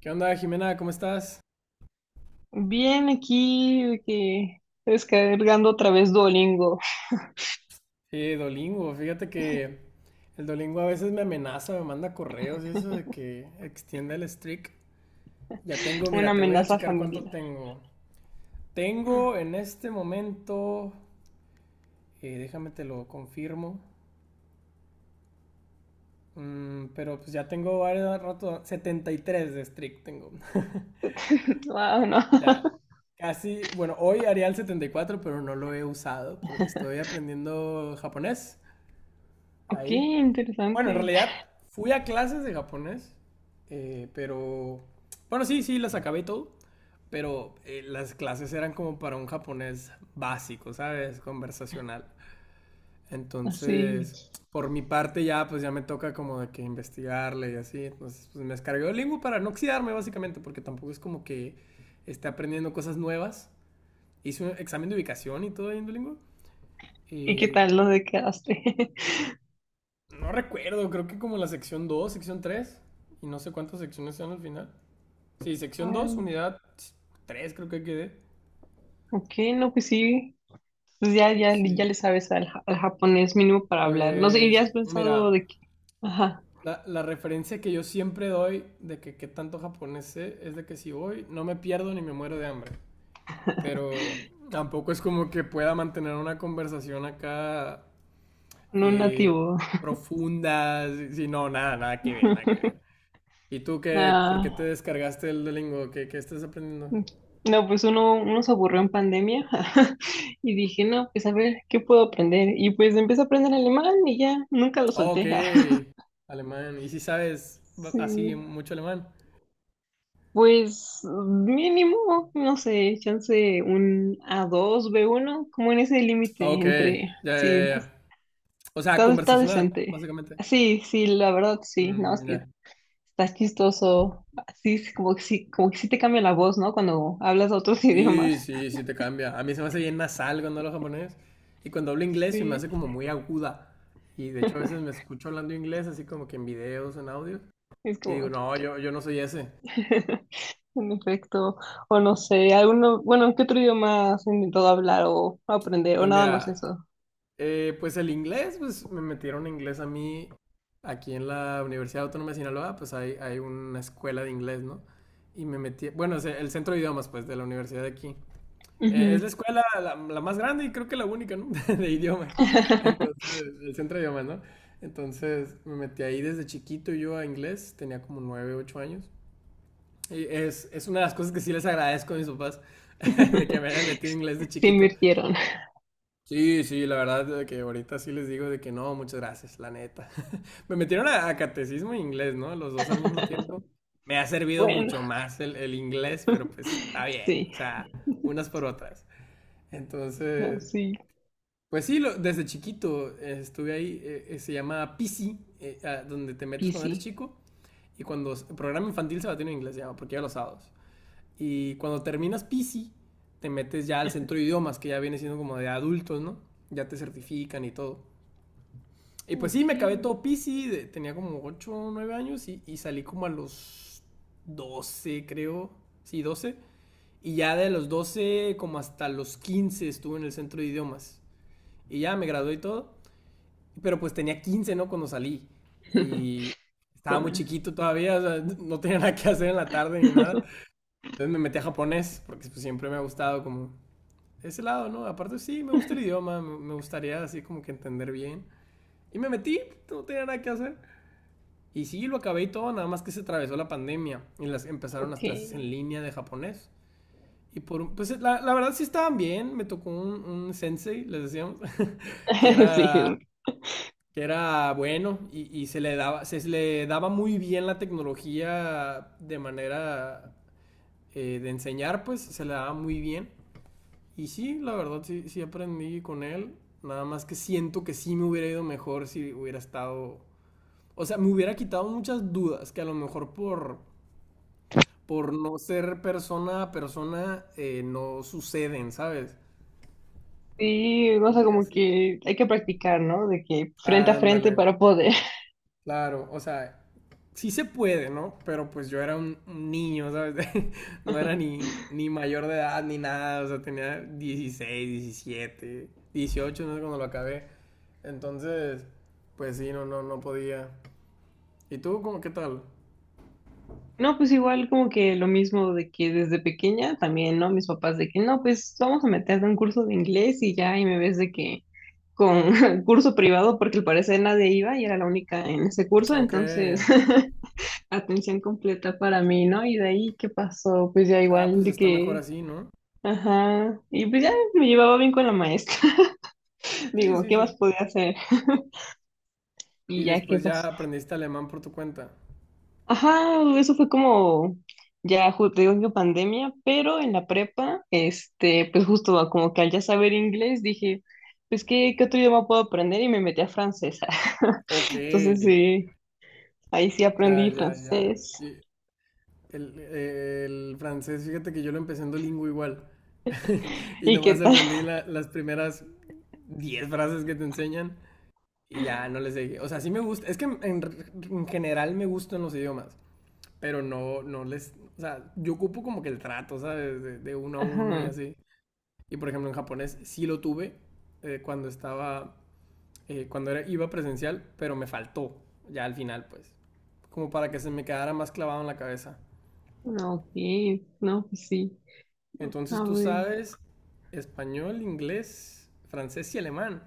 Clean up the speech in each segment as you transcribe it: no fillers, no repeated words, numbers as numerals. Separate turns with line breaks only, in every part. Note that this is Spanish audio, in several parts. ¿Qué onda, Jimena? ¿Cómo estás?
Bien, aquí de que descargando otra vez Duolingo,
Sí, Dolingo, fíjate que el Dolingo a veces me amenaza, me manda correos y eso de que extienda el streak. Ya tengo,
una
mira, te voy a
amenaza
checar
familiar.
cuánto tengo. Tengo en este momento, déjame te lo confirmo, pero pues ya tengo varios rato, 73 de streak tengo.
Wow, no.
Ya, casi, bueno, hoy haría el 74, pero no lo he usado, porque estoy aprendiendo japonés
Ok,
ahí. Bueno, en
interesante.
realidad fui a clases de japonés, pero... Bueno, sí, sí, las acabé y todo, pero las clases eran como para un japonés básico, ¿sabes? Conversacional.
Así.
Entonces, por mi parte ya, pues ya me toca como de que investigarle y así. Entonces, pues me descargué Duolingo para no oxidarme básicamente, porque tampoco es como que esté aprendiendo cosas nuevas. Hice un examen de ubicación y todo ahí en Duolingo.
¿Y qué
Y
tal lo de quedaste?
no recuerdo, creo que como la sección 2, sección 3 y no sé cuántas secciones sean al final. Sí, sección 2,
Ay,
unidad 3, creo que quedé.
ok, no, pues sí. Pues ya
Sí.
le sabes al, al japonés mínimo para hablar. No sé, ¿y ya
Pues,
has pensado
mira,
de que, ajá,
la referencia que yo siempre doy de que qué tanto japonés sé es de que si voy no me pierdo ni me muero de hambre. Pero tampoco es como que pueda mantener una conversación acá
no un
eh,
nativo?
profunda, si no, nada, nada que ver, nada que ver. ¿Y tú qué, por qué te
Nah.
descargaste el Duolingo? ¿Qué, qué estás aprendiendo?
Mm. No, pues uno se aburrió en pandemia y dije, no, pues a ver, ¿qué puedo aprender? Y pues empecé a aprender alemán y ya, nunca lo
Ok,
solté.
alemán. ¿Y si sabes
Sí,
así mucho alemán?
pues mínimo, no sé, chance un a dos b uno como en ese límite
Ok, ya,
entre,
ya,
sí,
ya. O sea,
está
conversacional,
decente.
básicamente.
Sí, la verdad, sí, no, es
Mm,
que
ya.
estás chistoso, así es como que sí te cambia la voz, ¿no? Cuando hablas otros
Sí,
idiomas.
sí, sí te cambia. A mí se me hace bien nasal cuando hablo japonés. Y cuando hablo inglés se me
Sí,
hace como muy aguda. Y de hecho a veces me escucho hablando inglés así como que en videos, en audios.
es
Y digo,
como...
no, yo no soy ese.
En efecto, o no sé, alguno, bueno, ¿qué otro idioma has intentado hablar o aprender o
Pues
nada más
mira,
eso?
Pues el inglés, pues me metieron inglés a mí aquí en la Universidad Autónoma de Sinaloa, pues hay una escuela de inglés, ¿no? Y me metí, bueno, es el centro de idiomas, pues, de la universidad de aquí.
Ujú.
Es la escuela la más grande y creo que la única, ¿no? De idiomas. Entonces, el centro de idiomas, ¿no? Entonces, me metí ahí desde chiquito yo a inglés, tenía como 9, 8 años. Y es una de las cosas que sí les agradezco a mis papás, de que me hayan metido inglés de
Se
chiquito.
invirtieron.
Sí, sí, la verdad de que ahorita sí les digo de que no, muchas gracias, la neta. Me metieron a catecismo e inglés, ¿no? Los dos al mismo tiempo. Me ha servido
Bueno,
mucho más el inglés, pero pues está bien,
sí,
o sea, unas por otras.
no,
Entonces,
sí,
pues sí, desde chiquito estuve ahí, se llama PC, donde te metes cuando
easy.
eres chico, y cuando programa infantil se va a tener en inglés, se llama, porque ya los sábados. Y cuando terminas PC, te metes ya al centro de idiomas, que ya viene siendo como de adultos, ¿no? Ya te certifican y todo. Y pues
Ok,
sí, me acabé todo PC, tenía como 8 o 9 años y salí como a los 12 creo. Sí, 12. Y ya de los 12 como hasta los 15 estuve en el centro de idiomas. Y ya me gradué y todo. Pero pues tenía 15, ¿no? Cuando salí. Y estaba muy
joven.
chiquito todavía, o sea, no tenía nada que hacer en la tarde ni nada. Entonces me metí a japonés, porque pues, siempre me ha gustado como ese lado, ¿no? Aparte sí, me gusta el idioma, me gustaría así como que entender bien. Y me metí, no tenía nada que hacer. Y sí, lo acabé y todo, nada más que se atravesó la pandemia y las empezaron las
Ok.
clases en línea de japonés. Y por pues la verdad sí estaban bien, me tocó un sensei, les decíamos, que era,
Sí,
que era bueno y se le daba muy bien la tecnología de manera de enseñar, pues se le daba muy bien. Y sí, la verdad sí, sí aprendí con él, nada más que siento que sí me hubiera ido mejor si hubiera estado, o sea, me hubiera quitado muchas dudas que a lo mejor por no ser persona a persona, no suceden, ¿sabes?
sí, o sea,
Y
como
así.
que hay que practicar, ¿no? De que frente a
Ándale,
frente para poder.
claro, o sea, sí se puede, ¿no? Pero pues yo era un niño, ¿sabes? No era ni mayor de edad ni nada, o sea, tenía 16 17 18 no sé cuando lo acabé. Entonces, pues sí, no, no, no podía. ¿Y tú, cómo, qué tal?
No, pues igual como que lo mismo de que desde pequeña también, ¿no? Mis papás de que no, pues vamos a meterte a un curso de inglés y ya, y me ves de que con curso privado porque al parecer nadie iba y era la única en ese curso,
Ok.
entonces atención completa para mí, ¿no? Y de ahí, ¿qué pasó? Pues ya
Ah,
igual
pues
de
está mejor
que,
así, ¿no?
ajá, y pues ya me llevaba bien con la maestra,
Sí,
digo,
sí,
¿qué más
sí.
podía hacer?
Y
Y ya, ¿qué
después ya
pasó?
aprendiste alemán por tu cuenta.
Ajá, eso fue como, te digo que pandemia, pero en la prepa, este, pues justo como que al ya saber inglés dije, pues qué otro idioma puedo aprender y me metí a francés.
Ok,
Entonces sí, ahí sí
ya,
aprendí
ya, ya.
francés.
Y el francés, fíjate que yo lo empecé en Duolingo igual. Y
¿Y qué
nomás
tal?
aprendí las primeras 10 frases que te enseñan y ya no les seguí. O sea, sí me gusta. Es que en general me gustan los idiomas, pero no, no les. O sea, yo ocupo como que el trato, ¿sabes? De uno a uno y
Ajá,
así. Y por ejemplo, en japonés sí lo tuve cuando estaba cuando era, iba presencial, pero me faltó ya al final, pues. Como para que se me quedara más clavado en la cabeza.
no, ok, no, pues sí,
Entonces
a
tú
ver.
sabes español, inglés, francés y alemán.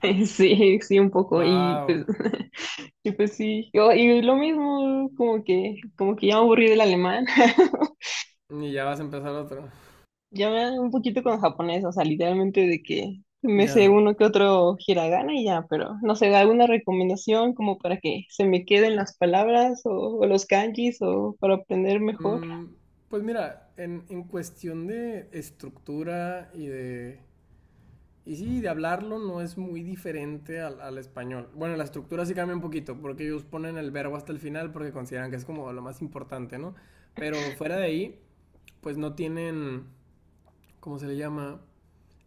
Sí, sí, un poco, y
¡Wow!
pues, y pues sí, yo, y lo mismo, como que ya me aburrí del alemán.
Y ya vas a empezar otro.
Ya me un poquito con japonés, o sea, literalmente de que me sé
Ya.
uno que otro hiragana y ya, pero no sé, alguna recomendación como para que se me queden las palabras o los kanjis o para aprender mejor.
Mm, pues mira, en cuestión de estructura y de. Y sí, de hablarlo no es muy diferente al español. Bueno, la estructura sí cambia un poquito, porque ellos ponen el verbo hasta el final porque consideran que es como lo más importante, ¿no? Pero fuera de ahí, pues no tienen, ¿cómo se le llama?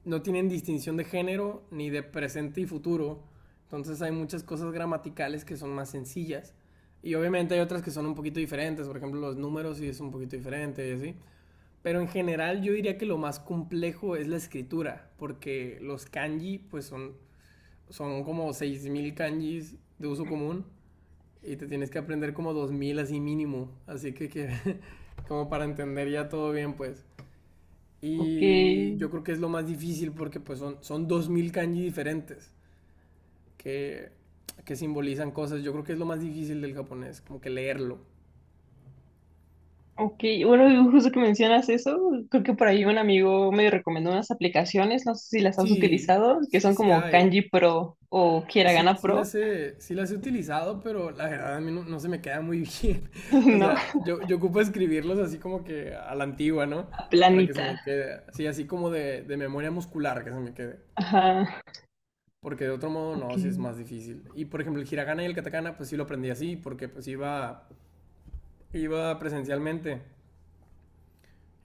No tienen distinción de género ni de presente y futuro. Entonces hay muchas cosas gramaticales que son más sencillas. Y obviamente hay otras que son un poquito diferentes, por ejemplo los números sí es un poquito diferente y así. Pero en general yo diría que lo más complejo es la escritura, porque los kanji pues son como 6000 kanjis de uso común y te tienes que aprender como 2000 así mínimo. Así que como para entender ya todo bien, pues.
Ok,
Y yo creo que es lo más difícil porque pues son 2000 kanji diferentes que, que simbolizan cosas. Yo creo que es lo más difícil del japonés, como que leerlo.
ok, bueno, justo que mencionas eso, creo que por ahí un amigo me recomendó unas aplicaciones, no sé si las has
Sí,
utilizado, que
sí,
son
sí
como
hay.
Kanji Pro o
Sí,
Hiragana
sí las
Pro,
he, sí las he utilizado, pero la verdad a mí no, no se me queda muy bien. O
¿no?
sea, yo ocupo escribirlos así como que a la antigua, ¿no? Para que se me
Planita.
quede. Sí, así como de memoria muscular que se me quede.
Ajá,
Porque de otro modo
ok,
no, sí es más difícil. Y por ejemplo, el hiragana y el katakana, pues sí lo aprendí así, porque pues iba presencialmente.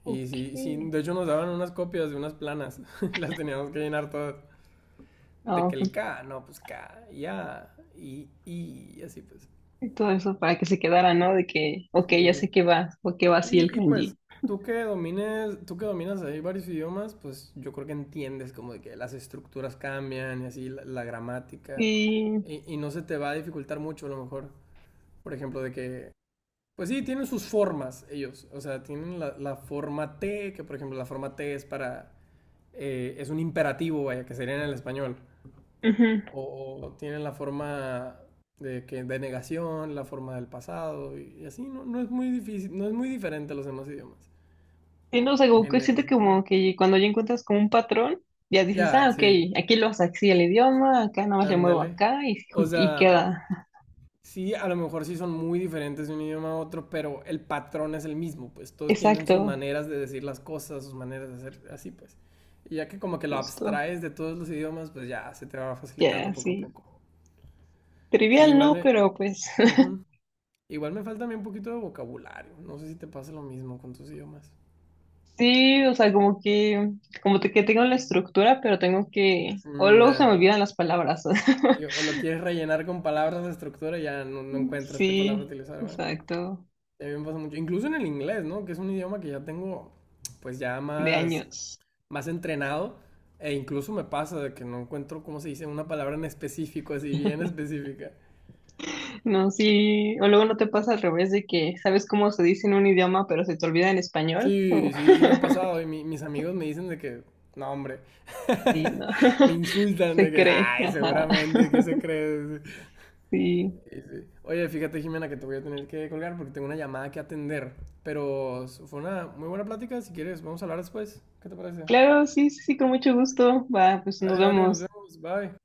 Y
ok.
sí, sí, de hecho nos daban unas copias de unas planas. Y las teníamos que llenar todas. De que
No,
el
pues
K, no, pues K, ya, y, así pues.
y todo eso para que se quedara, ¿no? De que, ok, ya
Sí.
sé que va, o que va así el
Y pues,
kanji.
tú que dominas ahí varios idiomas, pues yo creo que entiendes como de que las estructuras cambian y así la gramática.
Y,
Y no se te va a dificultar mucho a lo mejor. Por ejemplo, de que, pues sí, tienen sus formas ellos. O sea, tienen la forma T, que por ejemplo la forma T es para, es un imperativo, vaya, que sería en el español.
ujú.
O tienen la forma de negación, la forma del pasado y así. No, no es muy difícil, no es muy diferente a los demás idiomas
Y no, sé, como que
en ese
siento que
sentido.
como que cuando ya encuentras como un patrón, ya dices,
Ya,
ah, ok,
sí,
aquí lo haces así el idioma, acá nada más le muevo
ándale.
acá
O
y
sea,
queda.
sí, a lo mejor sí son muy diferentes de un idioma a otro, pero el patrón es el mismo, pues todos tienen
Exacto,
sus maneras de decir las cosas, sus maneras de hacer así, pues. Y ya que como que lo
justo.
abstraes de todos los idiomas, pues ya se te va facilitando
Ya,
poco a
sí.
poco. Sí,
Trivial, ¿no? Pero pues
ujú. Igual me falta a mí un poquito de vocabulario. No sé si te pasa lo mismo con tus idiomas.
sí, o sea, como que, que tengo la estructura, pero tengo que, o
Mm,
luego se
ya.
me olvidan las palabras.
Sí, o lo quieres rellenar con palabras de estructura y ya no, no encuentras qué palabra
Sí,
utilizar, ¿va?
exacto,
A mí me pasa mucho. Incluso en el inglés, ¿no? Que es un idioma que ya tengo, pues ya
de
más,
años.
más entrenado. E incluso me pasa de que no encuentro, ¿cómo se dice? Una palabra en específico, así bien específica.
No, sí, o luego no te pasa al revés de que sabes cómo se dice en un idioma, pero se te olvida en español. O
Sí, sí, sí me ha pasado. Y mis amigos me dicen de que, no, hombre.
sí, no.
Me insultan de
Se
que,
cree,
ay,
ajá.
seguramente, ¿qué se cree?
Sí.
Sí, sí. Oye, fíjate, Jimena, que te voy a tener que colgar porque tengo una llamada que atender. Pero fue una muy buena plática. Si quieres, vamos a hablar después. ¿Qué te parece?
Claro, sí, sí, sí, con mucho gusto. Va, pues nos
Dale, dale, nos
vemos.
vemos. Bye.